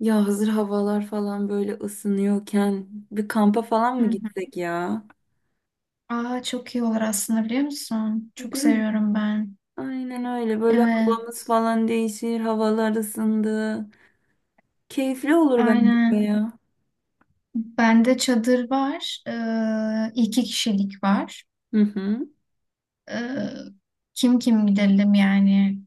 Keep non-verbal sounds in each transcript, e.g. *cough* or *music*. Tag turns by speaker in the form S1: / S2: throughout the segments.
S1: Ya hazır havalar falan böyle ısınıyorken bir kampa falan
S2: Hı
S1: mı
S2: hı.
S1: gitsek ya?
S2: Aa, çok iyi olur aslında biliyor musun? Çok
S1: Değil mi?
S2: seviyorum ben.
S1: Aynen öyle. Böyle havamız
S2: Evet,
S1: falan değişir, havalar ısındı. Keyifli olur bence de
S2: aynen.
S1: ya.
S2: Bende çadır var. İki kişilik var.
S1: Hı hı.
S2: Ee, kim gidelim yani?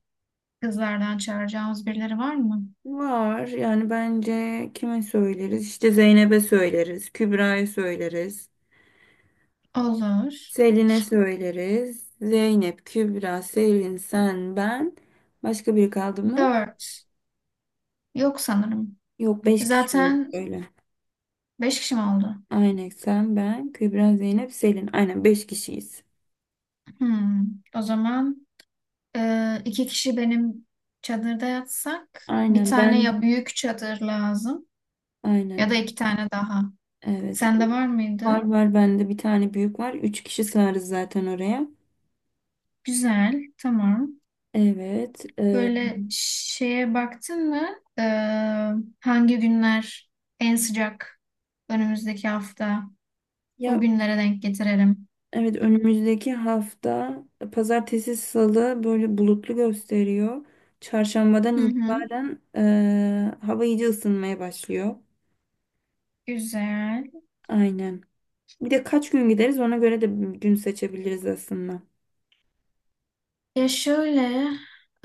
S2: Kızlardan çağıracağımız birileri var mı?
S1: Var yani bence kime söyleriz? İşte Zeynep'e söyleriz, Kübra'ya söyleriz,
S2: Olur.
S1: Selin'e söyleriz. Zeynep, Kübra, Selin, sen, ben. Başka biri kaldı mı?
S2: Dört. Yok sanırım.
S1: Yok, beş kişi
S2: Zaten
S1: öyle.
S2: beş kişi mi oldu?
S1: Aynen sen, ben, Kübra, Zeynep, Selin. Aynen beş kişiyiz.
S2: Hmm. O zaman iki kişi benim çadırda yatsak bir
S1: Aynen
S2: tane,
S1: ben.
S2: ya büyük çadır lazım ya
S1: Aynen.
S2: da iki tane daha.
S1: Evet.
S2: Sende var mıydı?
S1: Var var bende bir tane büyük var. Üç kişi sığarız zaten oraya.
S2: Güzel, tamam.
S1: Evet. e,
S2: Böyle şeye baktın mı? Ee, Hangi günler en sıcak önümüzdeki hafta?
S1: ya
S2: O günlere denk getirelim.
S1: evet önümüzdeki hafta pazartesi salı böyle bulutlu gösteriyor. Çarşambadan
S2: Hı hı.
S1: itibaren hava iyice ısınmaya başlıyor.
S2: Güzel.
S1: Aynen. Bir de kaç gün gideriz ona göre de gün seçebiliriz aslında.
S2: Ya şöyle,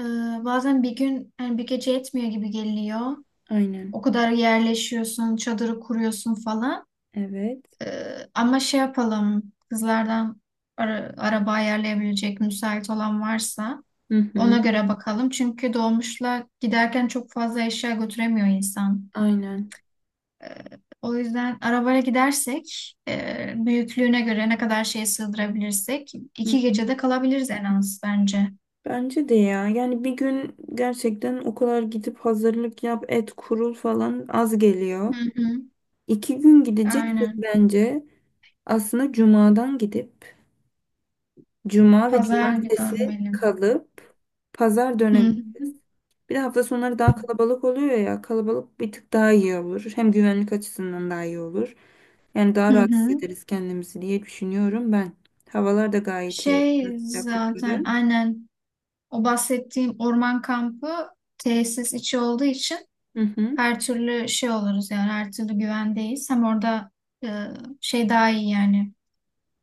S2: e, bazen bir gün, yani bir gece yetmiyor gibi geliyor.
S1: Aynen.
S2: O kadar yerleşiyorsun, çadırı kuruyorsun falan.
S1: Evet.
S2: Ama şey yapalım, kızlardan araba ayarlayabilecek müsait olan varsa.
S1: Hı
S2: Ona
S1: hı.
S2: göre bakalım. Çünkü dolmuşla giderken çok fazla eşya götüremiyor insan.
S1: Aynen.
S2: O yüzden arabayla gidersek büyüklüğüne göre ne kadar şey sığdırabilirsek
S1: Hı
S2: iki
S1: hı.
S2: gecede kalabiliriz en az bence.
S1: Bence de ya. Yani bir gün gerçekten o kadar gidip hazırlık yap, et kurul falan az geliyor.
S2: Hı hı.
S1: 2 gün gideceksek
S2: Aynen.
S1: bence aslında cumadan gidip cuma ve
S2: Pazar günü
S1: cumartesi
S2: dönmeli.
S1: kalıp pazar
S2: Hı
S1: dönemi.
S2: hı.
S1: Bir de hafta sonları daha kalabalık oluyor ya. Kalabalık bir tık daha iyi olur. Hem güvenlik açısından daha iyi olur. Yani daha
S2: Hı
S1: rahat
S2: hı.
S1: hissederiz kendimizi diye düşünüyorum ben. Havalar da gayet iyi oluyor,
S2: Şey zaten
S1: sıcaklıkları.
S2: aynen, o bahsettiğim orman kampı tesis içi olduğu için
S1: Hı hı.
S2: her türlü şey oluruz, yani her türlü güvendeyiz. Hem orada e, şey daha iyi, yani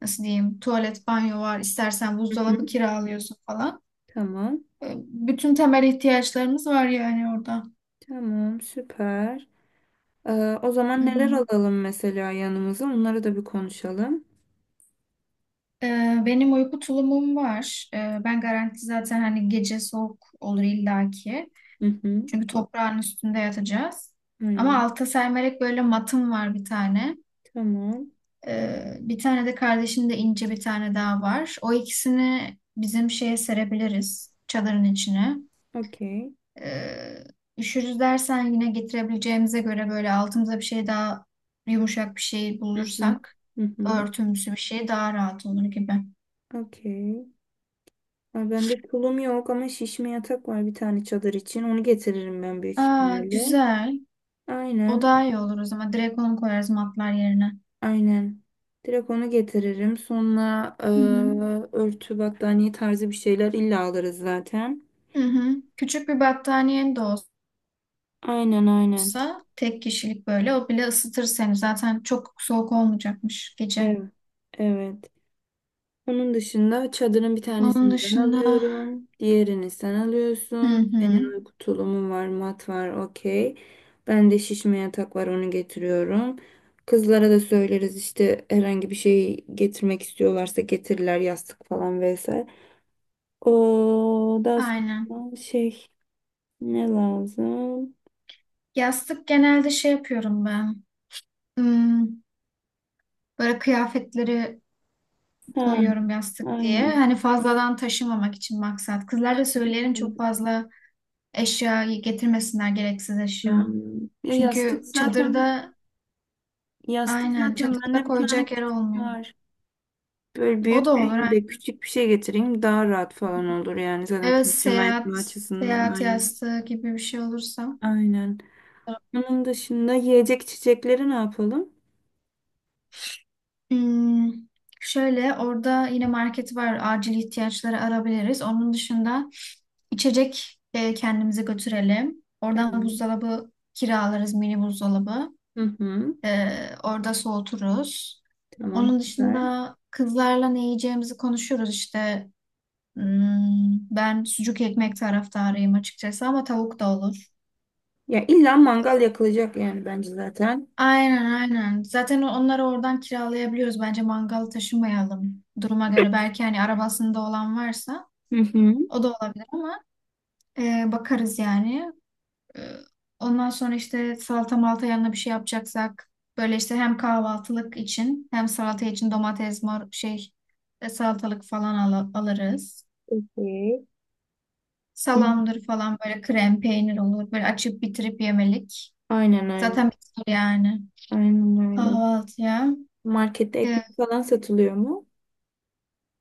S2: nasıl diyeyim, tuvalet, banyo var, istersen
S1: Hı hı.
S2: buzdolabı kiralıyorsun falan.
S1: Tamam.
S2: Bütün temel ihtiyaçlarımız var yani orada.
S1: Tamam, süper. Ee, o
S2: Hı
S1: zaman neler
S2: hı.
S1: alalım mesela yanımıza? Onları da bir konuşalım.
S2: E, Benim uyku tulumum var. Ben garanti zaten, hani gece soğuk olur illaki.
S1: Hı hı.
S2: Çünkü toprağın üstünde yatacağız. Ama
S1: Aynen.
S2: alta sermerek, böyle matım var bir tane.
S1: Tamam.
S2: Bir tane de kardeşimde, ince bir tane daha var. O ikisini bizim şeye serebiliriz, çadırın içine.
S1: Okey.
S2: Ee, Üşürüz dersen, yine getirebileceğimize göre böyle altımıza bir şey daha, yumuşak bir şey
S1: Hı hı.
S2: bulursak,
S1: Hı hı.
S2: örtümsü bir şey daha rahat olur gibi.
S1: Okey. Ay, bende tulum yok ama şişme yatak var bir tane çadır için. Onu getiririm ben büyük
S2: Aa,
S1: ihtimalle.
S2: güzel. O
S1: Aynen.
S2: daha iyi olur o zaman. Direkt onu koyarız matlar yerine.
S1: Aynen. Direkt onu getiririm. Sonra
S2: Hı hı.
S1: örtü, battaniye tarzı bir şeyler illa alırız zaten.
S2: Hı hı. Küçük bir battaniyen de
S1: Aynen, aynen.
S2: olsa, tek kişilik böyle, o bile ısıtır seni. Zaten çok soğuk olmayacakmış gece.
S1: Evet. Evet. Onun dışında çadırın bir
S2: Onun
S1: tanesini ben
S2: dışında,
S1: alıyorum. Diğerini sen
S2: hı
S1: alıyorsun. Senin
S2: hı.
S1: uyku tulumun var, mat var, okey. Ben de şişme yatak var, onu getiriyorum. Kızlara da söyleriz işte herhangi bir şey getirmek istiyorlarsa getirirler yastık falan vesaire. O daha
S2: Aynen.
S1: sonra şey ne lazım?
S2: Yastık genelde şey yapıyorum ben. Hmm. Böyle kıyafetleri
S1: Ha,
S2: koyuyorum yastık diye.
S1: aynen.
S2: Hani fazladan taşımamak için maksat. Kızlar da söylerim, çok fazla eşyayı getirmesinler, gereksiz eşya.
S1: Hmm. Ya yastık
S2: Çünkü
S1: zaten
S2: çadırda,
S1: yastık
S2: aynen,
S1: zaten
S2: çadırda
S1: bende bir tane
S2: koyacak yer
S1: küçük
S2: olmuyor.
S1: var. Böyle
S2: O da
S1: büyük
S2: olur,
S1: değil de
S2: aynen.
S1: küçük bir şey getireyim daha rahat falan olur yani zaten
S2: Evet,
S1: taşıma etme
S2: seyahat
S1: açısından
S2: seyahat
S1: aynen.
S2: yastığı gibi bir şey olursa.
S1: Aynen. Onun dışında yiyecek içecekleri ne yapalım?
S2: Hmm, Şöyle, orada yine market var. Acil ihtiyaçları arabiliriz. Onun dışında İçecek kendimize götürelim. Oradan
S1: Tamam.
S2: buzdolabı kiralarız, mini buzdolabı.
S1: Hı hı.
S2: E, Orada soğuturuz.
S1: Tamam
S2: Onun
S1: süper.
S2: dışında kızlarla ne yiyeceğimizi konuşuyoruz işte. Ben sucuk ekmek taraftarıyım açıkçası, ama tavuk da olur.
S1: Ya illa mangal yakılacak yani bence zaten.
S2: Aynen, aynen. Zaten onları oradan kiralayabiliyoruz. Bence mangal taşımayalım, duruma göre. Belki hani arabasında olan varsa
S1: Hı hı.
S2: o da olabilir, ama bakarız yani. Ee, Ondan sonra işte salata malta, yanına bir şey yapacaksak, böyle işte hem kahvaltılık için hem salata için domates, mor şey, salatalık falan alırız.
S1: Okey. Hı.
S2: Salamdır falan, böyle krem peynir olur. Böyle açıp bitirip yemelik.
S1: Aynen, aynen.
S2: Zaten bitir yani.
S1: Aynen öyle.
S2: Kahvaltıya.
S1: Markette
S2: Ee,
S1: ekmek falan satılıyor mu?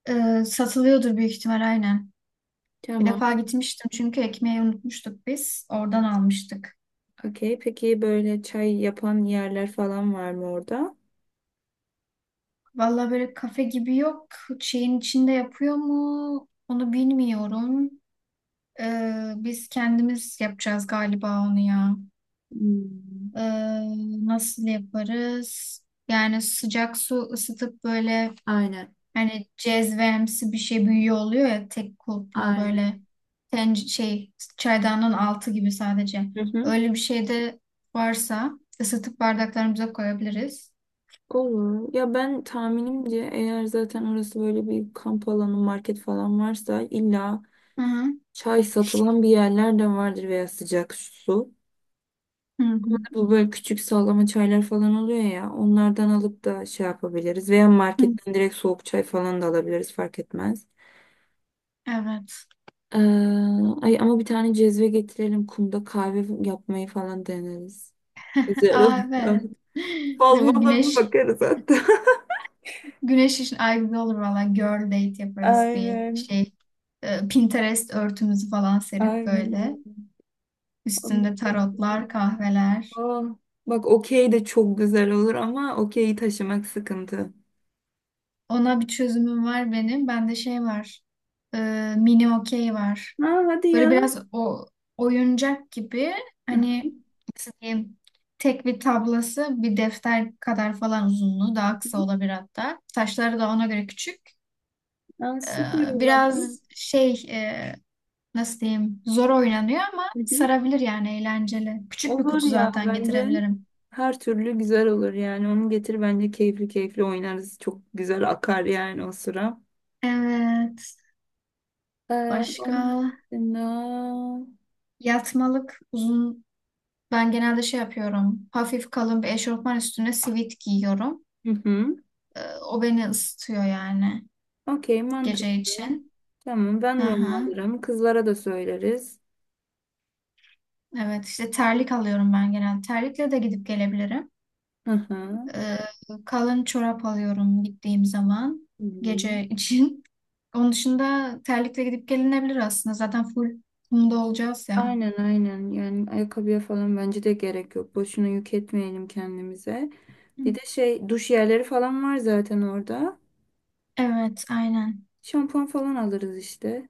S2: Satılıyordur büyük ihtimal, aynen. Bir
S1: Tamam.
S2: defa gitmiştim, çünkü ekmeği unutmuştuk biz. Oradan almıştık.
S1: Okey. Peki böyle çay yapan yerler falan var mı orada?
S2: Valla böyle kafe gibi yok. Şeyin içinde yapıyor mu? Onu bilmiyorum. Biz kendimiz yapacağız galiba onu ya.
S1: Hmm.
S2: Ee, Nasıl yaparız? Yani sıcak su ısıtıp, böyle
S1: Aynen.
S2: hani cezvemsi bir şey büyüyor oluyor ya, tek kulplu
S1: Aynen.
S2: böyle, şey, çaydanın altı gibi sadece.
S1: Hı hı.
S2: Öyle bir şey de varsa, ısıtıp bardaklarımıza koyabiliriz.
S1: Olur. Ya ben tahminimce eğer zaten orası böyle bir kamp alanı, market falan varsa illa
S2: Hı hı.
S1: çay satılan bir yerler de vardır veya sıcak su.
S2: Hı hı.
S1: Hani bu böyle küçük sallama çaylar falan oluyor ya onlardan alıp da şey yapabiliriz veya
S2: Hı.
S1: marketten direkt soğuk çay falan da alabiliriz fark etmez.
S2: Evet.
S1: Ee, ay ama bir tane cezve getirelim kumda kahve yapmayı falan deneriz.
S2: *laughs*
S1: Güzel
S2: Aa,
S1: oluyor.
S2: evet.
S1: *laughs*
S2: *laughs* Değil
S1: Fal
S2: mi?
S1: bana bir
S2: Güneş
S1: bakarız hatta.
S2: Güneş için, ay güzel olur valla. Girl date
S1: *laughs*
S2: yaparız bir
S1: Aynen.
S2: şey. Pinterest örtümüzü falan serip
S1: Aynen.
S2: böyle.
S1: Aa,
S2: Üstünde tarotlar, kahveler.
S1: bak okey de çok güzel olur ama okeyi taşımak sıkıntı.
S2: Ona bir çözümüm var benim. Bende şey var. Mini okey var.
S1: Ha hadi ya.
S2: Böyle biraz o, oyuncak gibi hani,
S1: *laughs*
S2: nasıl diyeyim, tek bir tablası bir defter kadar falan, uzunluğu daha kısa olabilir hatta. Taşları da ona göre küçük.
S1: Ha,
S2: Ee,
S1: süper o zaman.
S2: Biraz şey, nasıl diyeyim, zor oynanıyor ama
S1: Hı hı.
S2: sarabilir yani, eğlenceli. Küçük bir
S1: Olur
S2: kutu
S1: ya
S2: zaten
S1: bence
S2: getirebilirim.
S1: her türlü güzel olur yani onu getir bence keyifli keyifli oynarız çok güzel akar yani o sıra.
S2: Evet.
S1: Onun
S2: Başka,
S1: dışında...
S2: yatmalık uzun, ben genelde şey yapıyorum. Hafif kalın bir eşofman üstüne sivit giyiyorum.
S1: Hı hı.
S2: O beni ısıtıyor yani,
S1: Okey
S2: gece
S1: mantıklı.
S2: için.
S1: Tamam ben de onu
S2: Aha.
S1: alırım kızlara da söyleriz.
S2: Evet, işte terlik alıyorum ben genelde. Terlikle de gidip gelebilirim.
S1: Hı hı.
S2: Ee, Kalın çorap alıyorum gittiğim zaman,
S1: Hı hı.
S2: gece *laughs* için. Onun dışında terlikle gidip gelinebilir aslında. Zaten full kumda olacağız ya.
S1: Aynen, aynen, yani ayakkabıya falan bence de gerek yok. Boşuna yük etmeyelim kendimize.
S2: Hı.
S1: Bir de şey duş yerleri falan var zaten orada.
S2: Evet, aynen.
S1: Şampuan falan alırız işte.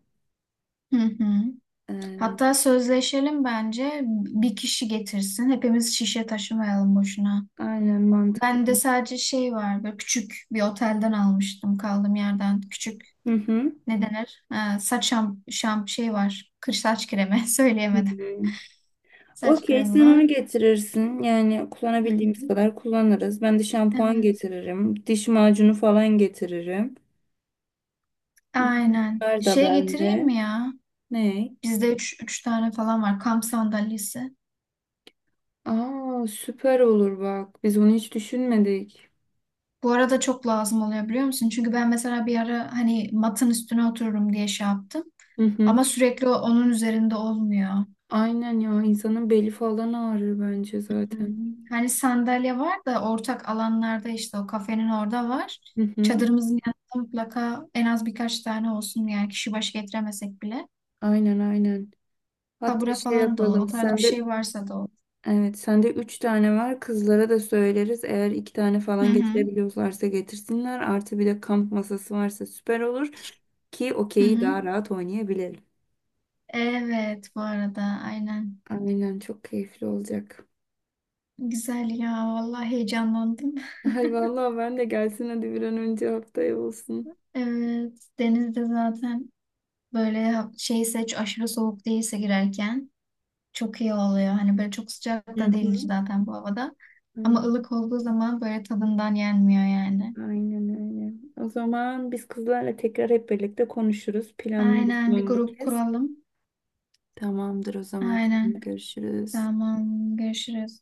S2: Hı hı.
S1: Ee,
S2: Hatta sözleşelim bence, bir kişi getirsin. Hepimiz şişe taşımayalım boşuna.
S1: aynen mantıklı.
S2: Ben de, sadece şey var, böyle küçük bir otelden almıştım kaldığım yerden. Küçük,
S1: Hı hı.
S2: ne denir? Saç şamp şamp şey var. Saç kremi *laughs*
S1: Hı
S2: söyleyemedim.
S1: hı.
S2: Saç
S1: Okey
S2: kremi
S1: sen
S2: var.
S1: onu getirirsin. Yani
S2: Hı
S1: kullanabildiğimiz
S2: hı.
S1: kadar kullanırız. Ben de şampuan
S2: Evet.
S1: getiririm. Diş macunu falan getiririm. Hı hı.
S2: Aynen.
S1: Bunlar da
S2: Şey getireyim
S1: bende.
S2: mi ya?
S1: Ne?
S2: Bizde üç tane falan var kamp sandalyesi.
S1: Aa süper olur bak. Biz onu hiç düşünmedik.
S2: Bu arada çok lazım oluyor biliyor musun? Çünkü ben mesela bir ara, hani matın üstüne otururum diye şey yaptım.
S1: Hı hı.
S2: Ama sürekli onun üzerinde olmuyor.
S1: Aynen ya insanın beli falan ağrır bence zaten.
S2: Hmm, Hani sandalye var da ortak alanlarda, işte o kafenin orada var.
S1: Hı hı.
S2: Çadırımızın yanında mutlaka en az birkaç tane olsun, yani kişi başı getiremesek bile.
S1: Aynen, aynen. Hatta
S2: Kabura
S1: şey
S2: falan da, o
S1: yapalım.
S2: tarz bir
S1: Sende
S2: şey varsa, da o.
S1: evet sende üç tane var. Kızlara da söyleriz. Eğer iki tane
S2: Hı
S1: falan
S2: hı.
S1: getirebiliyorlarsa getirsinler. Artı bir de kamp masası varsa süper olur ki
S2: Hı
S1: okeyi
S2: hı.
S1: daha rahat oynayabilelim.
S2: Evet, bu arada aynen.
S1: Aynen çok keyifli olacak.
S2: Güzel ya, vallahi heyecanlandım.
S1: Ay vallahi ben de gelsin hadi bir an önce haftaya olsun.
S2: Evet, denizde zaten böyle, şeyse, aşırı soğuk değilse girerken, çok iyi oluyor. Hani böyle çok sıcak
S1: Hı
S2: da değil
S1: hı.
S2: zaten bu havada. Ama
S1: Aynen.
S2: ılık olduğu zaman böyle, tadından yenmiyor yani.
S1: Aynen öyle. O zaman biz kızlarla tekrar hep birlikte konuşuruz, planlarız
S2: Aynen, bir
S1: son bir
S2: grup
S1: kez.
S2: kuralım.
S1: Tamamdır o zaman. Sonra
S2: Aynen.
S1: görüşürüz.
S2: Tamam, görüşürüz.